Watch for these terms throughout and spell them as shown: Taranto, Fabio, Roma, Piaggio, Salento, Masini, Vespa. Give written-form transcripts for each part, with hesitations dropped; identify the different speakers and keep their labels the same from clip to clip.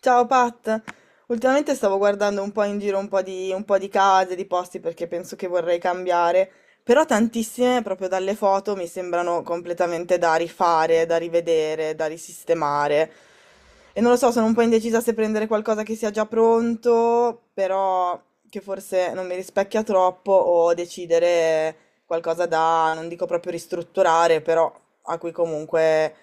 Speaker 1: Ciao Pat, ultimamente stavo guardando un po' in giro un po' di case, di posti perché penso che vorrei cambiare, però tantissime proprio dalle foto mi sembrano completamente da rifare, da rivedere, da risistemare. E non lo so, sono un po' indecisa se prendere qualcosa che sia già pronto, però che forse non mi rispecchia troppo, o decidere qualcosa da, non dico proprio ristrutturare, però a cui comunque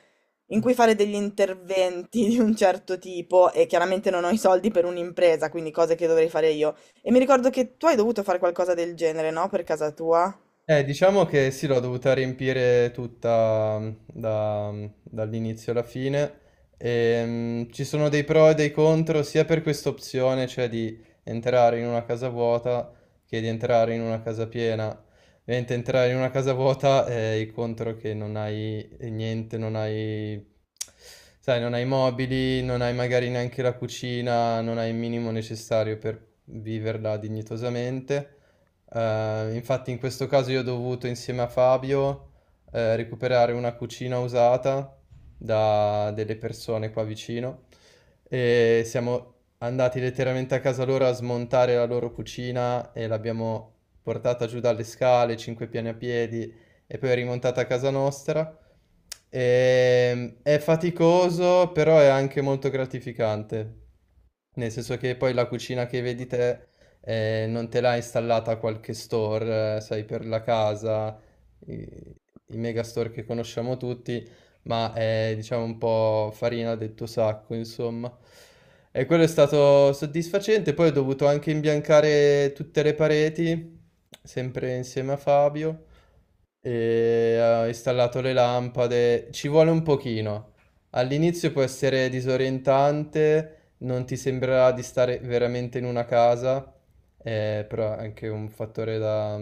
Speaker 1: in cui fare degli interventi di un certo tipo e chiaramente non ho i soldi per un'impresa, quindi cose che dovrei fare io. E mi ricordo che tu hai dovuto fare qualcosa del genere, no? Per casa tua?
Speaker 2: Diciamo che sì, l'ho dovuta riempire tutta mm, dall'inizio alla fine. Ci sono dei pro e dei contro sia per questa opzione, cioè di entrare in una casa vuota, che di entrare in una casa piena. Ovviamente entrare in una casa vuota è il contro che non hai niente, non hai, sai, non hai mobili, non hai magari neanche la cucina, non hai il minimo necessario per viverla dignitosamente. Infatti in questo caso io ho dovuto, insieme a Fabio, recuperare una cucina usata da delle persone qua vicino, e siamo andati letteralmente a casa loro a smontare la loro cucina e l'abbiamo portata giù dalle scale, cinque piani a piedi, e poi rimontata a casa nostra. È faticoso, però è anche molto gratificante. Nel senso che poi la cucina che vedi te non te l'ha installata a qualche store, sai, per la casa, i, i megastore che conosciamo tutti, ma è, diciamo, un po' farina del tuo sacco, insomma. E quello è stato soddisfacente. Poi ho dovuto anche imbiancare tutte le pareti, sempre insieme a Fabio, e ho installato le lampade. Ci vuole un pochino. All'inizio può essere disorientante, non ti sembrerà di stare veramente in una casa, però è anche un fattore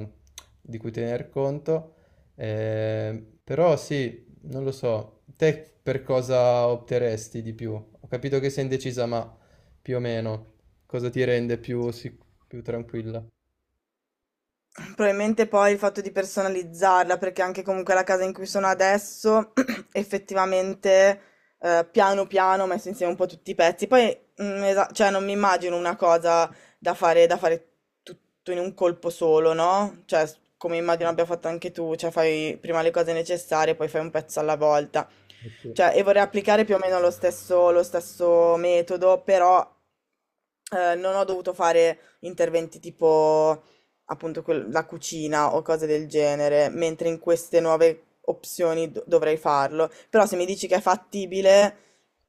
Speaker 2: di cui tener conto. Però sì, non lo so. Te per cosa opteresti di più? Ho capito che sei indecisa, ma più o meno cosa ti rende più, più tranquilla?
Speaker 1: Probabilmente poi il fatto di personalizzarla, perché anche comunque la casa in cui sono adesso, effettivamente, piano piano ho messo insieme un po' tutti i pezzi. Poi, cioè, non mi immagino una cosa da fare tutto in un colpo solo, no? Cioè, come immagino abbia fatto anche tu, cioè fai prima le cose necessarie, poi fai un pezzo alla volta.
Speaker 2: Ok.
Speaker 1: Cioè, e vorrei applicare più o meno lo stesso metodo, però non ho dovuto fare interventi tipo la cucina o cose del genere, mentre in queste nuove opzioni dovrei farlo. Però se mi dici che è fattibile,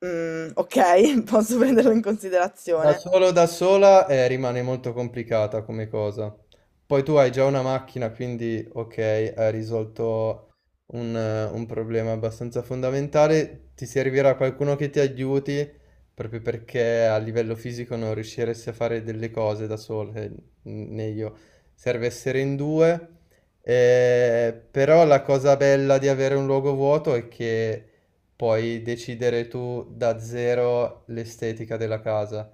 Speaker 1: mm, ok, posso prenderlo in
Speaker 2: Da
Speaker 1: considerazione.
Speaker 2: solo, da sola, rimane molto complicata come cosa. Poi tu hai già una macchina, quindi ok, hai risolto un problema abbastanza fondamentale. Ti servirà qualcuno che ti aiuti, proprio perché a livello fisico non riusciresti a fare delle cose da solo, né io. Serve essere in due. Però la cosa bella di avere un luogo vuoto è che puoi decidere tu da zero l'estetica della casa,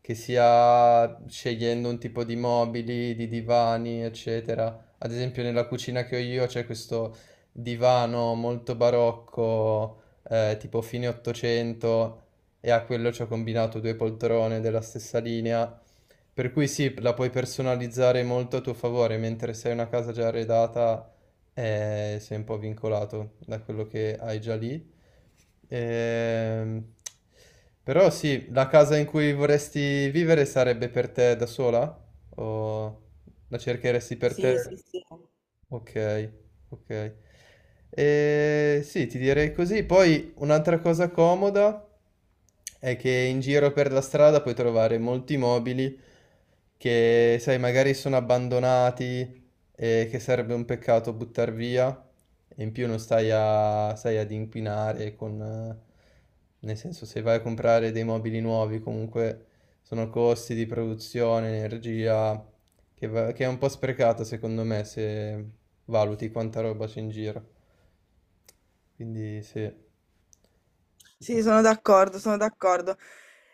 Speaker 2: che sia scegliendo un tipo di mobili, di divani, eccetera. Ad esempio, nella cucina che ho io c'è questo divano molto barocco, tipo fine 800, e a quello ci ho combinato due poltrone della stessa linea. Per cui sì, la puoi personalizzare molto a tuo favore, mentre se hai una casa già arredata, sei un po' vincolato da quello che hai già lì. Ehm, Però sì, la casa in cui vorresti vivere sarebbe per te da sola? O la cercheresti per
Speaker 1: Sì,
Speaker 2: te?
Speaker 1: sì, sì.
Speaker 2: Ok, ok. Sì, ti direi così. Poi un'altra cosa comoda è che in giro per la strada puoi trovare molti mobili che, sai, magari sono abbandonati, e che sarebbe un peccato buttar via, e in più non stai, stai ad inquinare con... nel senso, se vai a comprare dei mobili nuovi, comunque sono costi di produzione, energia, che, che è un po' sprecata secondo me se valuti quanta roba c'è in giro. Quindi sì. Ok.
Speaker 1: Sì, sono d'accordo, sono d'accordo.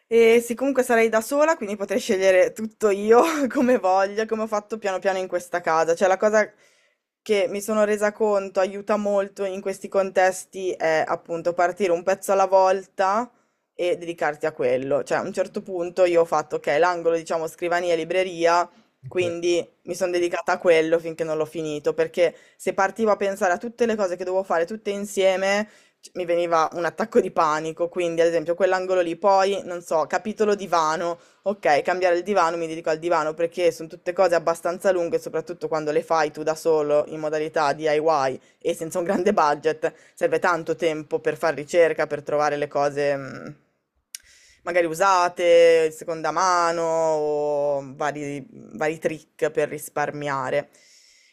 Speaker 1: E sì, comunque sarei da sola, quindi potrei scegliere tutto io come voglio, come ho fatto piano piano in questa casa. Cioè, la cosa che mi sono resa conto aiuta molto in questi contesti è appunto partire un pezzo alla volta e dedicarti a quello. Cioè, a un certo punto io ho fatto, ok, l'angolo, diciamo, scrivania e libreria, quindi mi sono dedicata a quello finché non l'ho finito, perché se partivo a pensare a tutte le cose che dovevo fare tutte insieme mi veniva un attacco di panico, quindi ad esempio quell'angolo lì, poi non so, capitolo divano, ok, cambiare il divano, mi dedico al divano perché sono tutte cose abbastanza lunghe, soprattutto quando le fai tu da solo in modalità DIY e senza un grande budget serve tanto tempo per fare ricerca, per trovare le cose magari usate, seconda mano o vari trick per risparmiare.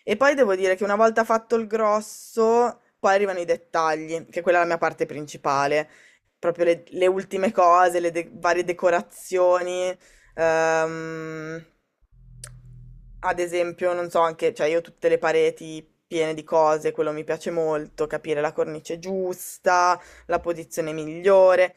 Speaker 1: E poi devo dire che una volta fatto il grosso, poi arrivano i dettagli, che quella è la mia parte principale, proprio le ultime cose, varie decorazioni, Ehm, ad esempio, non so, anche, cioè io ho tutte le pareti piene di cose, quello mi piace molto, capire la cornice giusta, la posizione migliore.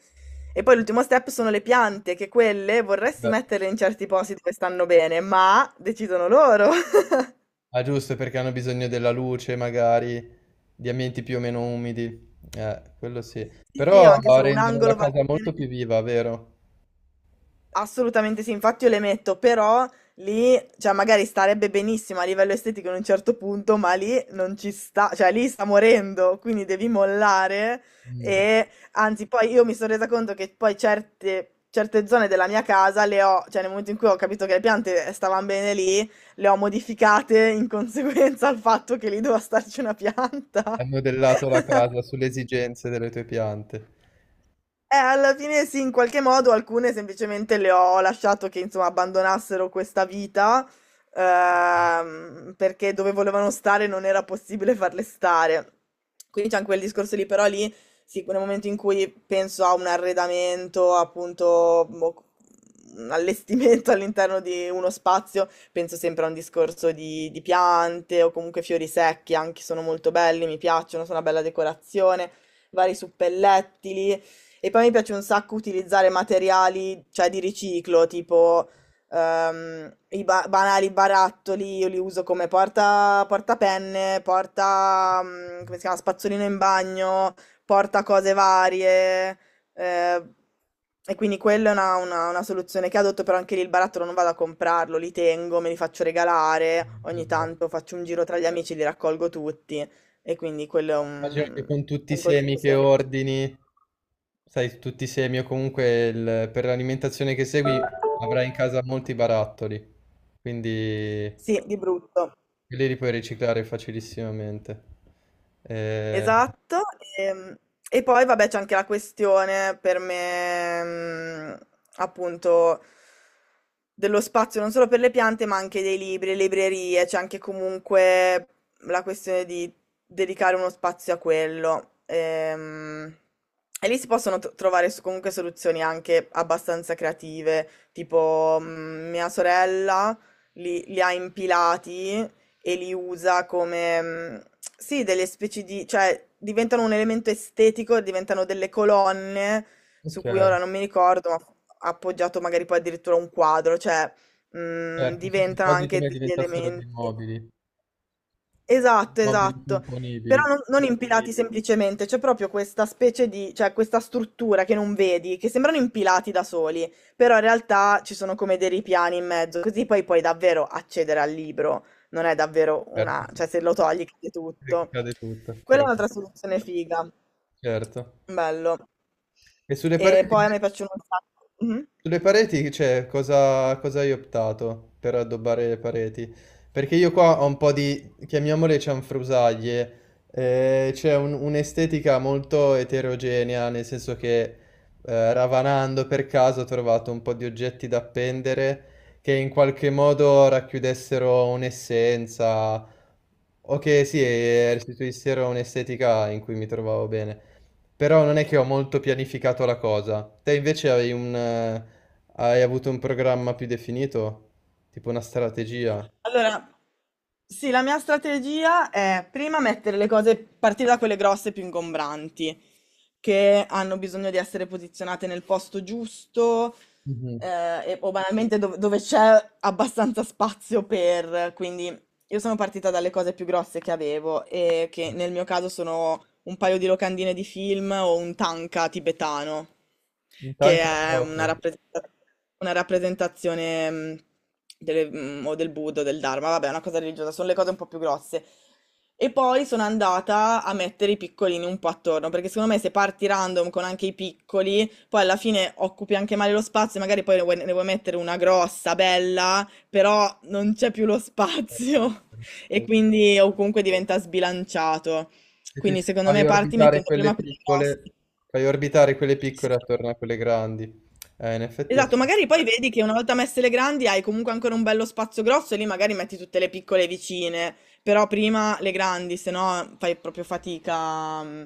Speaker 1: E poi l'ultimo step sono le piante, che quelle vorresti
Speaker 2: Beh,
Speaker 1: metterle in certi posti dove stanno bene, ma decidono loro.
Speaker 2: ah, giusto, perché hanno bisogno della luce, magari, di ambienti più o meno umidi. Quello sì.
Speaker 1: Sì, sì,
Speaker 2: Però
Speaker 1: ho anche solo un
Speaker 2: rendono la
Speaker 1: angolo va
Speaker 2: casa molto
Speaker 1: bene.
Speaker 2: più viva, vero?
Speaker 1: Assolutamente sì, infatti io le metto, però lì, cioè magari starebbe benissimo a livello estetico in un certo punto, ma lì non ci sta, cioè lì sta morendo, quindi devi mollare
Speaker 2: Mm,
Speaker 1: e anzi poi io mi sono resa conto che poi certe zone della mia casa le ho, cioè nel momento in cui ho capito che le piante stavano bene lì, le ho modificate in conseguenza al fatto che lì doveva starci una pianta.
Speaker 2: hai modellato la casa sulle esigenze delle tue piante.
Speaker 1: Alla fine sì, in qualche modo alcune semplicemente le ho lasciato che insomma abbandonassero questa vita perché dove volevano stare non era possibile farle stare. Quindi c'è anche quel discorso lì, però lì sì, nel momento in cui penso a un arredamento, appunto, un allestimento all'interno di uno spazio, penso sempre a un discorso di piante o comunque fiori secchi, anche sono molto belli, mi piacciono, sono una bella decorazione, vari suppellettili. E poi mi piace un sacco utilizzare materiali, cioè di riciclo, tipo banali barattoli, io li uso come porta, portapenne, porta, mm, come si chiama, spazzolino in bagno, porta cose varie. Eh, e quindi quella è una soluzione che adotto, però anche lì il barattolo non vado a comprarlo, li tengo, me li faccio regalare, ogni
Speaker 2: Esatto.
Speaker 1: tanto faccio un giro tra gli amici, li raccolgo tutti. E quindi quello è
Speaker 2: Immagino che con tutti i
Speaker 1: un
Speaker 2: semi
Speaker 1: consiglio
Speaker 2: che
Speaker 1: semplice.
Speaker 2: ordini, sai, tutti i semi o comunque per l'alimentazione che segui avrai in casa molti barattoli, quindi
Speaker 1: Sì, di brutto.
Speaker 2: quelli li puoi riciclare facilissimamente. Eh,
Speaker 1: Esatto, ehm, e, poi vabbè c'è anche la questione per me, mm, appunto, dello spazio non solo per le piante, ma anche dei libri, le librerie, c'è anche comunque la questione di dedicare uno spazio a quello. E lì si possono trovare comunque soluzioni anche abbastanza creative, tipo mm, mia sorella li ha impilati e li usa come, mm, sì, delle specie di, cioè diventano un elemento estetico, diventano delle colonne su
Speaker 2: ok,
Speaker 1: cui ora non mi ricordo, ma appoggiato magari poi addirittura a un quadro, cioè mm,
Speaker 2: certo, sì, sì,
Speaker 1: diventano
Speaker 2: quasi
Speaker 1: anche
Speaker 2: come
Speaker 1: degli
Speaker 2: diventassero dei
Speaker 1: elementi.
Speaker 2: mobili,
Speaker 1: Esatto,
Speaker 2: mobili
Speaker 1: esatto.
Speaker 2: componibili.
Speaker 1: Però non, non impilati. Quindi, semplicemente, c'è proprio questa specie di, cioè questa struttura che non vedi, che sembrano impilati da soli, però in realtà ci sono come dei ripiani in mezzo, così poi puoi davvero accedere al libro, non è davvero
Speaker 2: Certo,
Speaker 1: una, cioè se lo togli cade
Speaker 2: sì,
Speaker 1: tutto.
Speaker 2: cade tutto,
Speaker 1: Quella
Speaker 2: però
Speaker 1: è un'altra soluzione figa.
Speaker 2: certo.
Speaker 1: Bello.
Speaker 2: E sulle
Speaker 1: E
Speaker 2: pareti?
Speaker 1: poi a me piacciono un sacco. Mhm.
Speaker 2: Sulle pareti, cioè, cosa, cosa hai optato per addobbare le pareti? Perché io qua ho un po' di, chiamiamole cianfrusaglie, c'è un'estetica molto eterogenea, nel senso che ravanando per caso ho trovato un po' di oggetti da appendere che in qualche modo racchiudessero un'essenza, o che sì, restituissero un'estetica in cui mi trovavo bene. Però non è che ho molto pianificato la cosa. Te invece hai un, hai avuto un programma più definito? Tipo una strategia?
Speaker 1: Allora, sì, la mia strategia è prima mettere le cose, partire da quelle grosse più ingombranti, che hanno bisogno di essere posizionate nel posto giusto,
Speaker 2: Mhm.
Speaker 1: o banalmente dove c'è abbastanza spazio per, quindi io sono partita dalle cose più grosse che avevo e che nel mio caso sono un paio di locandine di film o un tanka tibetano,
Speaker 2: In
Speaker 1: che
Speaker 2: tanca?
Speaker 1: è
Speaker 2: Ok.
Speaker 1: una una rappresentazione o del Buddha o del Dharma, vabbè, è una cosa religiosa, sono le cose un po' più grosse. E poi sono andata a mettere i piccolini un po' attorno, perché secondo me se parti random con anche i piccoli, poi alla fine occupi anche male lo spazio, e magari poi ne vuoi mettere una grossa, bella però non c'è più lo spazio e quindi o comunque diventa sbilanciato.
Speaker 2: Sì, sì,
Speaker 1: Quindi
Speaker 2: sì.
Speaker 1: secondo
Speaker 2: Fai
Speaker 1: me parti
Speaker 2: orbitare
Speaker 1: mettendo
Speaker 2: quelle
Speaker 1: prima quelle grosse.
Speaker 2: piccole, fai orbitare quelle piccole
Speaker 1: Sì.
Speaker 2: attorno a quelle grandi. In effetti ha
Speaker 1: Esatto, magari poi vedi che una volta messe le grandi hai comunque ancora un bello spazio grosso e lì magari metti tutte le piccole vicine, però prima le grandi, se no fai proprio fatica mm,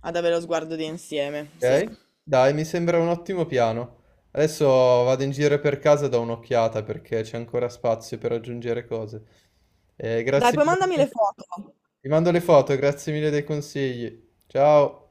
Speaker 1: ad avere lo sguardo di insieme. Sì.
Speaker 2: ok? Dai, mi sembra un ottimo piano. Adesso vado in giro per casa e do un'occhiata perché c'è ancora spazio per aggiungere cose.
Speaker 1: Dai,
Speaker 2: Grazie
Speaker 1: poi mandami
Speaker 2: mille.
Speaker 1: le foto.
Speaker 2: Ti mando le foto, grazie mille dei consigli. Ciao.